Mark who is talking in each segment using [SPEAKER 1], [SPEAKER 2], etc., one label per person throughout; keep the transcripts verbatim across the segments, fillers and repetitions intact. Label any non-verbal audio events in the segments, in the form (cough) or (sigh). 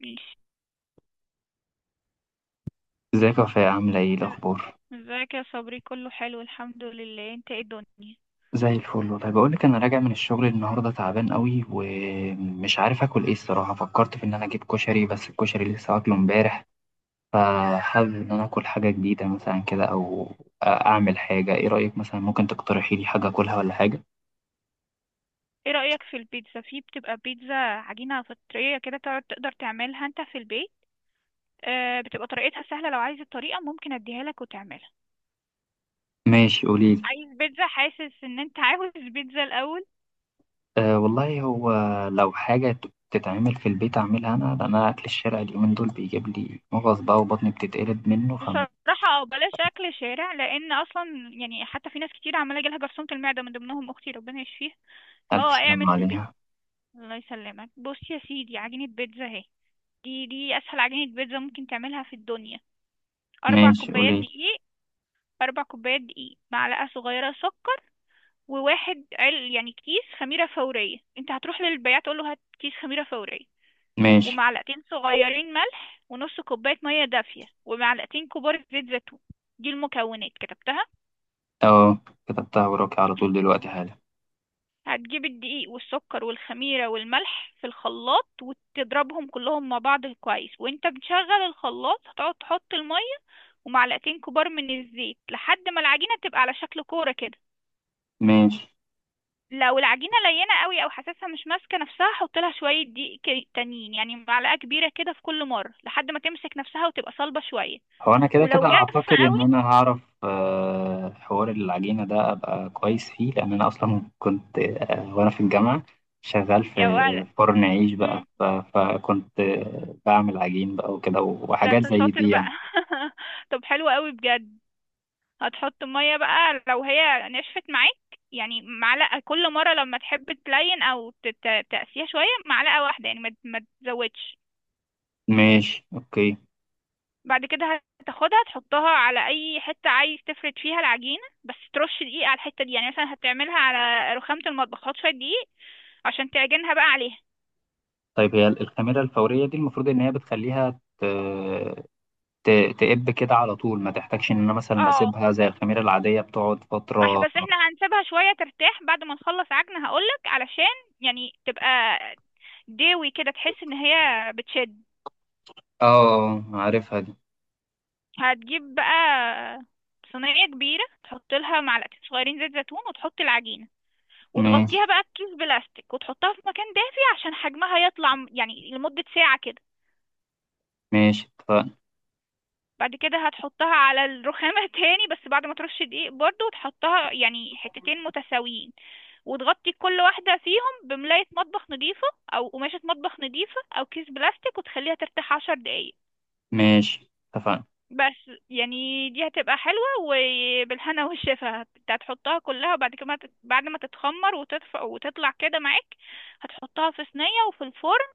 [SPEAKER 1] ماشي.
[SPEAKER 2] ازيك يا وفاء عاملة ايه الأخبار؟
[SPEAKER 1] ازيك يا صبري؟ كله حلو الحمد لله، انت ايه الدنيا؟
[SPEAKER 2] زي الفل والله. بقولك أنا راجع من الشغل النهاردة تعبان قوي ومش عارف آكل ايه الصراحة. فكرت في إن أنا أجيب كشري، بس الكشري لسه واكله امبارح، فحابب إن أنا آكل حاجة جديدة مثلا كده، أو أعمل حاجة. ايه رأيك مثلا، ممكن تقترحي لي حاجة آكلها ولا حاجة؟
[SPEAKER 1] ايه رأيك في البيتزا؟ في بتبقى بيتزا عجينة فطرية كده، تقعد- تقدر تعملها انت في البيت. آه، بتبقى طريقتها سهلة، لو عايز الطريقة ممكن اديها لك وتعملها.
[SPEAKER 2] ماشي قوليلي.
[SPEAKER 1] عايز بيتزا، حاسس ان انت عاوز بيتزا الاول.
[SPEAKER 2] أه والله، هو لو حاجة تتعمل في البيت أعملها أنا، لأن أنا أكل الشارع اليومين دول بيجيب لي مغص بقى وبطني بتتقلب منه. فمن
[SPEAKER 1] بصراحة او بلاش اكل شارع، لان اصلا يعني حتى في ناس كتير عمالة يجيلها جرثومة المعدة، من ضمنهم اختي ربنا يشفيها.
[SPEAKER 2] ألف
[SPEAKER 1] فهو اعمل
[SPEAKER 2] سلامة
[SPEAKER 1] في البيت.
[SPEAKER 2] عليها.
[SPEAKER 1] الله يسلمك. بص يا سيدي، عجينة بيتزا اهي. دي دي اسهل عجينة بيتزا ممكن تعملها في الدنيا. أربع
[SPEAKER 2] ماشي
[SPEAKER 1] كوبايات
[SPEAKER 2] قوليلي.
[SPEAKER 1] دقيق. أربع كوبايات دقيق، معلقة صغيرة سكر، وواحد عل يعني كيس خميرة فورية. أنت هتروح للبياع تقول له هات كيس خميرة فورية.
[SPEAKER 2] ماشي.
[SPEAKER 1] ومعلقتين صغيرين ملح، ونص كوباية مية دافية، ومعلقتين كبار زيت زيتون. دي المكونات، كتبتها؟
[SPEAKER 2] اه، كتبتها وراكي على طول دلوقتي حالا.
[SPEAKER 1] هتجيب الدقيق والسكر والخميرة والملح في الخلاط، وتضربهم كلهم مع بعض كويس، وانت بتشغل الخلاط هتقعد تحط المية ومعلقتين كبار من الزيت، لحد ما العجينة تبقى على شكل كورة كده.
[SPEAKER 2] ماشي.
[SPEAKER 1] لو العجينة لينة قوي او حاسسها مش ماسكة نفسها حط لها شوية دقيق ك- تانيين، يعني معلقة كبيرة كده في كل مرة لحد ما تمسك نفسها وتبقى صلبة شوية.
[SPEAKER 2] هو انا كده كده
[SPEAKER 1] ولو جافة
[SPEAKER 2] اعتقد ان
[SPEAKER 1] قوي،
[SPEAKER 2] انا هعرف، آه، حوار العجينه ده ابقى كويس فيه، لان انا اصلا كنت، آه، وانا في الجامعه شغال في
[SPEAKER 1] يا ولد.
[SPEAKER 2] فرن عيش بقى،
[SPEAKER 1] مم.
[SPEAKER 2] ف- فكنت آه، بعمل عجين بقى وكده،
[SPEAKER 1] ده
[SPEAKER 2] وحاجات
[SPEAKER 1] انت
[SPEAKER 2] زي
[SPEAKER 1] شاطر
[SPEAKER 2] دي
[SPEAKER 1] بقى.
[SPEAKER 2] يعني.
[SPEAKER 1] (laughs) طب حلو قوي بجد. هتحط مية بقى لو هي نشفت معاك، يعني معلقة كل مرة لما تحب تلين او ت- ت- تقسيها شوية، معلقة واحدة يعني، ما ما تزودش.
[SPEAKER 2] ماشي اوكي.
[SPEAKER 1] بعد كده هتاخدها تحطها على اي حته عايز تفرد فيها العجينه، بس ترش دقيق على الحته دي، يعني مثلا هتعملها على رخامه المطبخ، هات شويه دقيق عشان تعجنها بقى عليها.
[SPEAKER 2] طيب هي الخميره الفوريه دي المفروض ان هي بتخليها ت- ت- تقب كده على طول، ما تحتاجش ان انا مثلا
[SPEAKER 1] اه.
[SPEAKER 2] اسيبها زي الخميره العاديه بتقعد
[SPEAKER 1] اح
[SPEAKER 2] فتره.
[SPEAKER 1] بس احنا هنسيبها شويه ترتاح بعد ما نخلص عجن هقولك، علشان يعني تبقى داوي كده تحس ان هي بتشد.
[SPEAKER 2] اه عارفها دي.
[SPEAKER 1] هتجيب بقى صينيه كبيره، تحط لها معلقتين صغيرين زيت زيتون وتحط العجينه،
[SPEAKER 2] ماشي.
[SPEAKER 1] وتغطيها بقى بكيس بلاستيك، وتحطها في مكان دافي عشان حجمها يطلع، م- يعني لمده ساعه كده.
[SPEAKER 2] ماشي اتفقنا.
[SPEAKER 1] بعد كده هتحطها على الرخامة تاني، بس بعد ما ترش دقيق برضو، وتحطها يعني حتتين متساويين، وتغطي كل واحدة فيهم بملاية مطبخ نظيفة أو قماشة مطبخ نظيفة أو كيس بلاستيك، وتخليها ترتاح عشر دقايق.
[SPEAKER 2] ماشي اتفقنا.
[SPEAKER 1] بس يعني دي هتبقى حلوة وبالهنا والشفا. انت هتحطها كلها، وبعد كده بعد ما تتخمر وتدفى وتطلع كده معاك هتحطها في صينية وفي الفرن.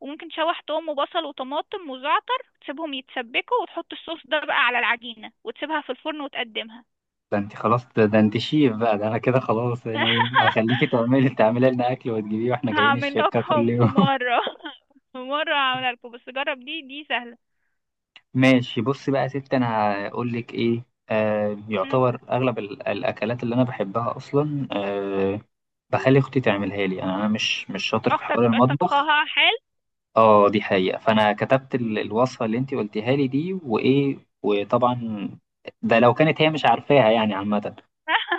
[SPEAKER 1] وممكن تشوح توم وبصل وطماطم وزعتر تسيبهم يتسبكوا، وتحط الصوص ده بقى على العجينة وتسيبها في الفرن وتقدمها.
[SPEAKER 2] ده انت خلاص، ده, ده انت شيف بقى، ده انا كده خلاص. إيه، هخليكي
[SPEAKER 1] (laughs)
[SPEAKER 2] تعملي تعملي لنا اكل وتجيبيه واحنا جايين
[SPEAKER 1] هعمل
[SPEAKER 2] الشركة كل
[SPEAKER 1] لكم في
[SPEAKER 2] يوم.
[SPEAKER 1] مرة. (laughs) في مرة هعملها لكم، بس جرب. دي دي سهلة.
[SPEAKER 2] (laughs) ماشي بصي بقى يا ستي، انا هقول لك ايه، آه
[SPEAKER 1] مم.
[SPEAKER 2] يعتبر اغلب ال- الاكلات اللي انا بحبها اصلا، آه بخلي اختي تعملها لي. انا أنا مش مش شاطر في
[SPEAKER 1] أختك
[SPEAKER 2] حوار
[SPEAKER 1] بقى
[SPEAKER 2] المطبخ.
[SPEAKER 1] طبخها حال.
[SPEAKER 2] اه دي حقيقة، فأنا كتبت ال- الوصفة اللي انت قلتيها لي دي، وإيه وطبعا ده لو كانت هي مش عارفاها يعني، عامة.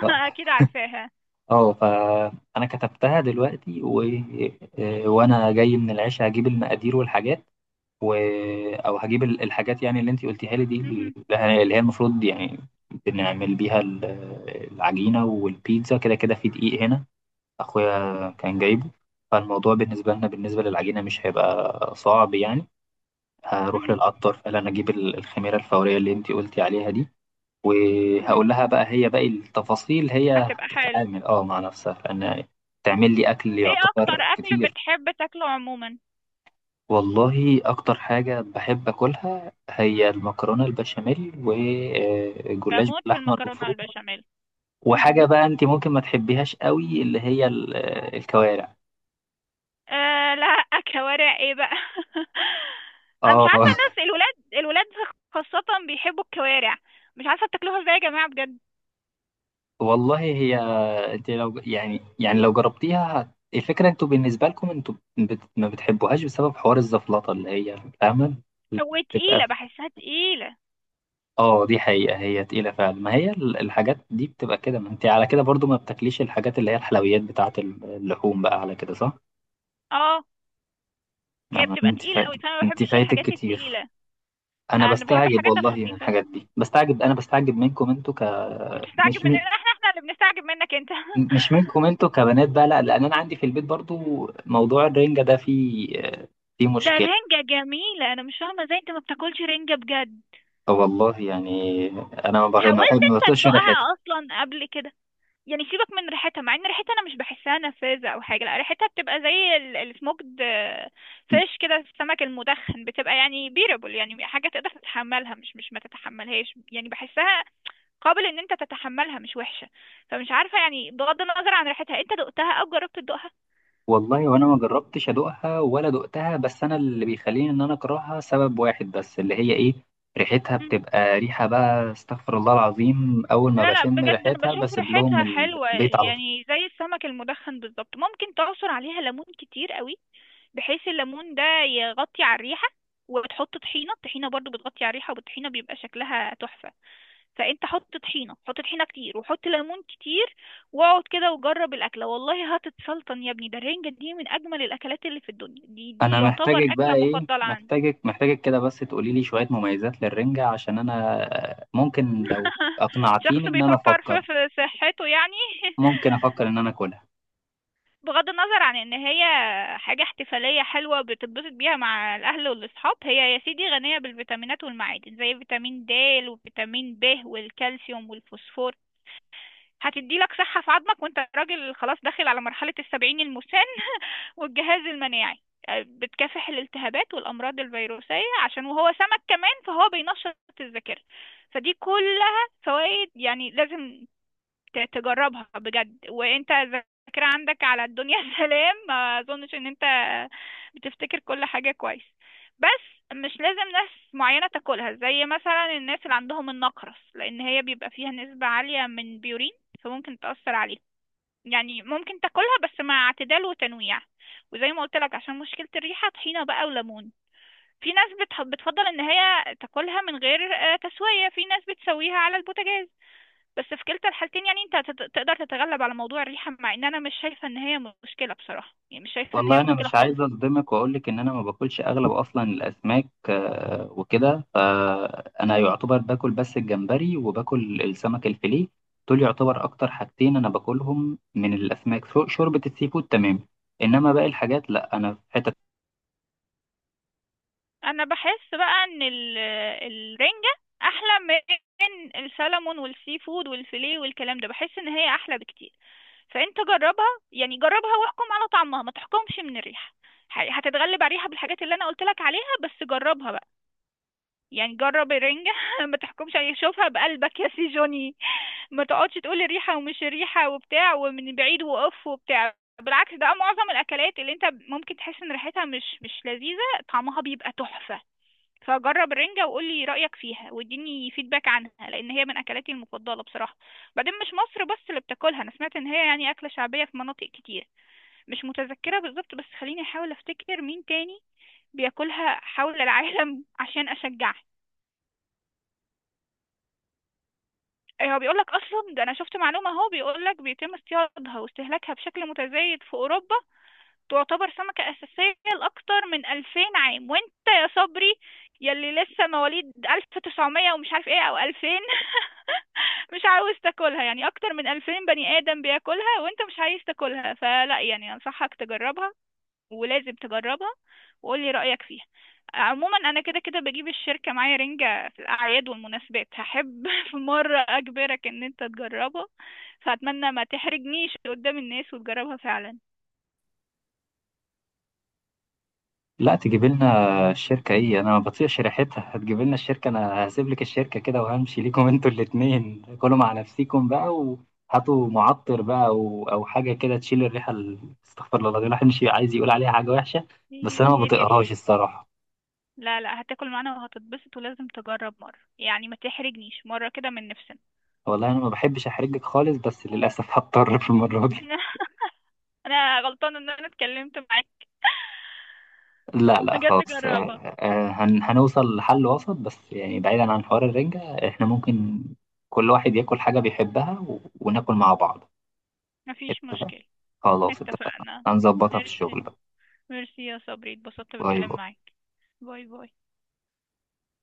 [SPEAKER 2] ف-
[SPEAKER 1] أكيد عارفاها.
[SPEAKER 2] اه فأنا كتبتها دلوقتي و... آه، وأنا جاي من العشاء هجيب المقادير والحاجات، و... أو هجيب ال- الحاجات يعني اللي انت قلتيها لي دي، اللي
[SPEAKER 1] مم.
[SPEAKER 2] اللي هي المفروض يعني بنعمل بيها ال- العجينة والبيتزا. كده كده في دقيق هنا، أخويا كان جايبه، فالموضوع بالنسبة لنا، بالنسبة للعجينة مش هيبقى صعب يعني. هروح
[SPEAKER 1] مم.
[SPEAKER 2] للعطار، فقال انا اجيب ال- الخميره الفوريه اللي انت قلتي عليها دي،
[SPEAKER 1] مم.
[SPEAKER 2] وهقول لها بقى، هي باقي التفاصيل هي
[SPEAKER 1] هتبقى حلو.
[SPEAKER 2] هتتعامل اه مع نفسها، لان تعمل لي اكل
[SPEAKER 1] ايه أكتر
[SPEAKER 2] يعتبر
[SPEAKER 1] أكل
[SPEAKER 2] كتير.
[SPEAKER 1] بتحب تاكله عموما؟
[SPEAKER 2] والله اكتر حاجه بحب اكلها هي المكرونه البشاميل والجلاش
[SPEAKER 1] بموت في
[SPEAKER 2] باللحمه
[SPEAKER 1] المكرونة
[SPEAKER 2] المفرومه،
[SPEAKER 1] البشاميل.
[SPEAKER 2] وحاجه بقى انت ممكن ما تحبيهاش قوي، اللي هي ال- الكوارع.
[SPEAKER 1] آه لا. كوارع ايه بقى! (laughs) انا مش
[SPEAKER 2] اه.
[SPEAKER 1] عارفه،
[SPEAKER 2] (laughs)
[SPEAKER 1] الناس الولاد، الولاد خاصه بيحبوا الكوارع، مش عارفه بتاكلوها ازاي يا جماعه بجد.
[SPEAKER 2] والله هي، انت لو يعني يعني لو جربتيها، هت- الفكره انتوا بالنسبه لكم، انتوا بت... ما بتحبوهاش بسبب حوار الزفلطه اللي هي فاهمه، اللي بتبقى
[SPEAKER 1] وتقيله، بحسها تقيله.
[SPEAKER 2] اه دي حقيقه، هي تقيله فعلا، ما هي ال- الحاجات دي بتبقى كده. ما انت على كده برضو، ما بتاكليش الحاجات اللي هي الحلويات بتاعه ال- اللحوم بقى، على كده صح.
[SPEAKER 1] اه
[SPEAKER 2] لا،
[SPEAKER 1] هي
[SPEAKER 2] ما
[SPEAKER 1] بتبقى
[SPEAKER 2] انت
[SPEAKER 1] تقيله
[SPEAKER 2] فايت،
[SPEAKER 1] قوي، فانا ما
[SPEAKER 2] انت
[SPEAKER 1] بحبش
[SPEAKER 2] فايتك
[SPEAKER 1] الحاجات
[SPEAKER 2] كتير.
[SPEAKER 1] التقيله.
[SPEAKER 2] انا
[SPEAKER 1] انا بحب
[SPEAKER 2] بستعجب
[SPEAKER 1] الحاجات
[SPEAKER 2] والله من
[SPEAKER 1] الخفيفه.
[SPEAKER 2] الحاجات دي، بستعجب انا بستعجب منكم انتوا ك
[SPEAKER 1] بتستعجب
[SPEAKER 2] مش
[SPEAKER 1] مننا؟ احنا احنا اللي بنستعجب منك انت. (laughs)
[SPEAKER 2] مش منكم انتوا كبنات بقى، لا، لان انا عندي في البيت برضو موضوع الرنجة ده، فيه فيه
[SPEAKER 1] ده
[SPEAKER 2] مشكلة.
[SPEAKER 1] الرنجه جميله، انا مش فاهمه ازاي انت ما بتاكلش رنجه بجد.
[SPEAKER 2] والله يعني انا ما بحب ما
[SPEAKER 1] حاولت
[SPEAKER 2] بحب- ما
[SPEAKER 1] انت
[SPEAKER 2] بطيقش ريحتها.
[SPEAKER 1] تدوقها اصلا قبل كده؟ يعني سيبك من ريحتها، مع ان ريحتها انا مش بحسها نفاذة او حاجة، لا ريحتها بتبقى زي السموكد. فيش كده، السمك المدخن بتبقى يعني بيربل، يعني حاجة تقدر تتحملها، مش مش ما تتحملهاش، يعني بحسها قابل ان انت تتحملها، مش وحشة. فمش عارفة، يعني بغض النظر عن ريحتها انت دقتها او جربت تدوقها؟
[SPEAKER 2] والله وانا ما جربتش ادوقها ولا دقتها، بس انا اللي بيخليني ان انا اكرهها سبب واحد بس، اللي هي ايه، ريحتها
[SPEAKER 1] مم.
[SPEAKER 2] بتبقى ريحة بقى استغفر الله العظيم، اول ما
[SPEAKER 1] لا لا،
[SPEAKER 2] بشم
[SPEAKER 1] بجد انا
[SPEAKER 2] ريحتها
[SPEAKER 1] بشوف
[SPEAKER 2] بسيب لهم
[SPEAKER 1] ريحتها حلوة،
[SPEAKER 2] البيت على.
[SPEAKER 1] يعني زي السمك المدخن بالظبط. ممكن تعصر عليها ليمون كتير قوي بحيث الليمون ده يغطي على الريحة، وبتحط طحينة. الطحينة برضو بتغطي على الريحة، والطحينة بيبقى شكلها تحفة. فانت حط طحينة، حط طحينة كتير، وحط ليمون كتير، واقعد كده وجرب الأكلة، والله هتتسلطن يا ابني. ده الرنجة دي من أجمل الأكلات اللي في الدنيا. دي دي
[SPEAKER 2] انا
[SPEAKER 1] يعتبر
[SPEAKER 2] محتاجك بقى،
[SPEAKER 1] أكلة
[SPEAKER 2] ايه،
[SPEAKER 1] مفضلة عندي.
[SPEAKER 2] محتاجك محتاجك كده، بس تقولي لي شوية مميزات للرنجة، عشان انا آه، ممكن لو
[SPEAKER 1] (laughs)
[SPEAKER 2] اقنعتيني
[SPEAKER 1] شخص
[SPEAKER 2] ان انا
[SPEAKER 1] بيفكر
[SPEAKER 2] افكر،
[SPEAKER 1] في في صحته يعني. (laughs)
[SPEAKER 2] ممكن افكر ان انا اكلها.
[SPEAKER 1] بغض النظر عن ان هي حاجة احتفالية حلوة بتتبسط بيها مع الاهل والاصحاب، هي يا سيدي غنية بالفيتامينات والمعادن، زي فيتامين د وفيتامين ب والكالسيوم والفوسفور. هتدي لك صحة في عظمك، وانت راجل خلاص داخل على مرحلة السبعين المسن والجهاز المناعي، آه، بتكافح الالتهابات والامراض الفيروسية، عشان وهو سمك كمان فهو بينشط الذاكرة، فدي كلها فوائد، يعني لازم ت- تجربها بجد. وانت الذاكرة عندك على الدنيا، (laughs) سلام، ما اظنش ان انت بتفتكر كل حاجة كويس. بس مش لازم ناس معينة تاكلها، زي مثلا الناس اللي عندهم النقرس، لان هي بيبقى فيها نسبة عالية من بيورين، فممكن تأثر عليك. يعني ممكن تاكلها بس مع اعتدال وتنويع. وزي ما قلت لك عشان مشكلة الريحة، طحينة بقى وليمون. في ناس بتح- بتفضل ان هي تاكلها من غير آه، تسوية، في ناس بتسويها على البوتاجاز. بس في كلتا الحالتين، يعني انت هتت- تقدر تتغلب على موضوع الريحة، مع ان انا مش شايفة ان هي مشكلة بصراحة، يعني مش شايفة ان هي
[SPEAKER 2] والله انا
[SPEAKER 1] مشكلة
[SPEAKER 2] مش
[SPEAKER 1] خالص.
[SPEAKER 2] عايز اصدمك واقول لك ان انا ما باكلش اغلب اصلا الاسماك، آه، وكده. فانا يعتبر باكل بس الجمبري، وباكل السمك الفيليه، دول يعتبر اكتر حاجتين انا باكلهم من الاسماك. شو- شوربة السي فود تمام، انما باقي الحاجات لا، انا في حتة.
[SPEAKER 1] انا بحس بقى ان ال- الرنجة احلى من السلمون والسي فود والفيليه والكلام ده، بحس ان هي احلى بكتير. فانت جربها، يعني جربها واحكم على طعمها، ما تحكمش من الريحة، ح- هتتغلب على الريحة بالحاجات اللي انا قلت لك عليها، بس جربها بقى. يعني جرب الرنجة. (laughs) ما تحكمش عليها، شوفها بقلبك يا سي جوني، ما تقعدش تقولي ريحة ومش ريحة وبتاع، ومن بعيد وقف وبتاع. بالعكس، ده معظم الأكلات اللي انت ممكن تحس ان ريحتها مش مش لذيذة طعمها بيبقى تحفة. فجرب الرنجة، وقولي رأيك فيها، واديني فيدباك عنها، لأن هي من أكلاتي المفضلة بصراحة. بعدين مش مصر بس اللي بتاكلها، أنا سمعت إن هي يعني أكلة شعبية في مناطق كتير، مش متذكرة بالظبط، بس خليني أحاول أفتكر مين تاني بياكلها حول العالم. (laughs) عشان أشجعك، إيه، هو بيقول لك اصلا، ده انا شفت معلومه اهو، بيقول لك بيتم اصطيادها واستهلاكها بشكل متزايد في اوروبا، تعتبر سمكه اساسيه لاكثر من ألفين عام. وانت يا صبري، يلي لسه مواليد ألف وتسعمية ومش عارف ايه او ألفين، (laughs) مش عاوز تاكلها؟ يعني اكتر من ألفين بني ادم بياكلها وانت مش عايز تاكلها! فلا يعني انصحك تجربها، ولازم تجربها، وقولي رأيك فيها. عموما انا كده كده بجيب الشركة معايا رنجة في الاعياد والمناسبات، هحب (laughs) في مرة اجبرك ان انت تجربها، فاتمنى ما تحرجنيش قدام الناس وتجربها فعلا.
[SPEAKER 2] لا، تجيب لنا الشركة ايه؟ انا ما بطيقش ريحتها. هتجيب لنا الشركة؟ انا هسيب لك الشركة كده وهمشي ليكم. (laughs) انتوا الاتنين كلوا مع نفسيكم بقى، وهاتوا معطر بقى او او حاجة كده تشيل الريحة، ال- استغفر الله العظيم، الواحد مش عايز يقول عليها حاجة وحشة. بس انا ما
[SPEAKER 1] هي دي
[SPEAKER 2] بطيقهاش
[SPEAKER 1] ريحة؟
[SPEAKER 2] الصراحة.
[SPEAKER 1] لا لا، هتاكل معانا وهتتبسط، ولازم تجرب مرة، يعني ما تحرجنيش مرة كده من نفسنا.
[SPEAKER 2] والله انا ما بحبش احرجك خالص، بس للاسف (laughs) هضطر في المرة دي.
[SPEAKER 1] (laughs) انا غلطانة ان انا اتكلمت معاك. (laughs)
[SPEAKER 2] لا لا
[SPEAKER 1] بجد
[SPEAKER 2] خلاص،
[SPEAKER 1] جربها.
[SPEAKER 2] آه، آه، هن- هنوصل لحل وسط. بس يعني بعيدا عن حوار الرنجة، احنا ممكن كل واحد ياكل حاجة بيحبها و- وناكل مع بعض.
[SPEAKER 1] مفيش
[SPEAKER 2] اتفقنا؟
[SPEAKER 1] مشكلة.
[SPEAKER 2] خلاص اتفقنا،
[SPEAKER 1] اتفقنا.
[SPEAKER 2] هنظبطها في
[SPEAKER 1] ماشي.
[SPEAKER 2] الشغل بقى.
[SPEAKER 1] ميرسي يا صبري، اتبسطت
[SPEAKER 2] باي
[SPEAKER 1] بالكلام
[SPEAKER 2] باي.
[SPEAKER 1] معاك. باي باي.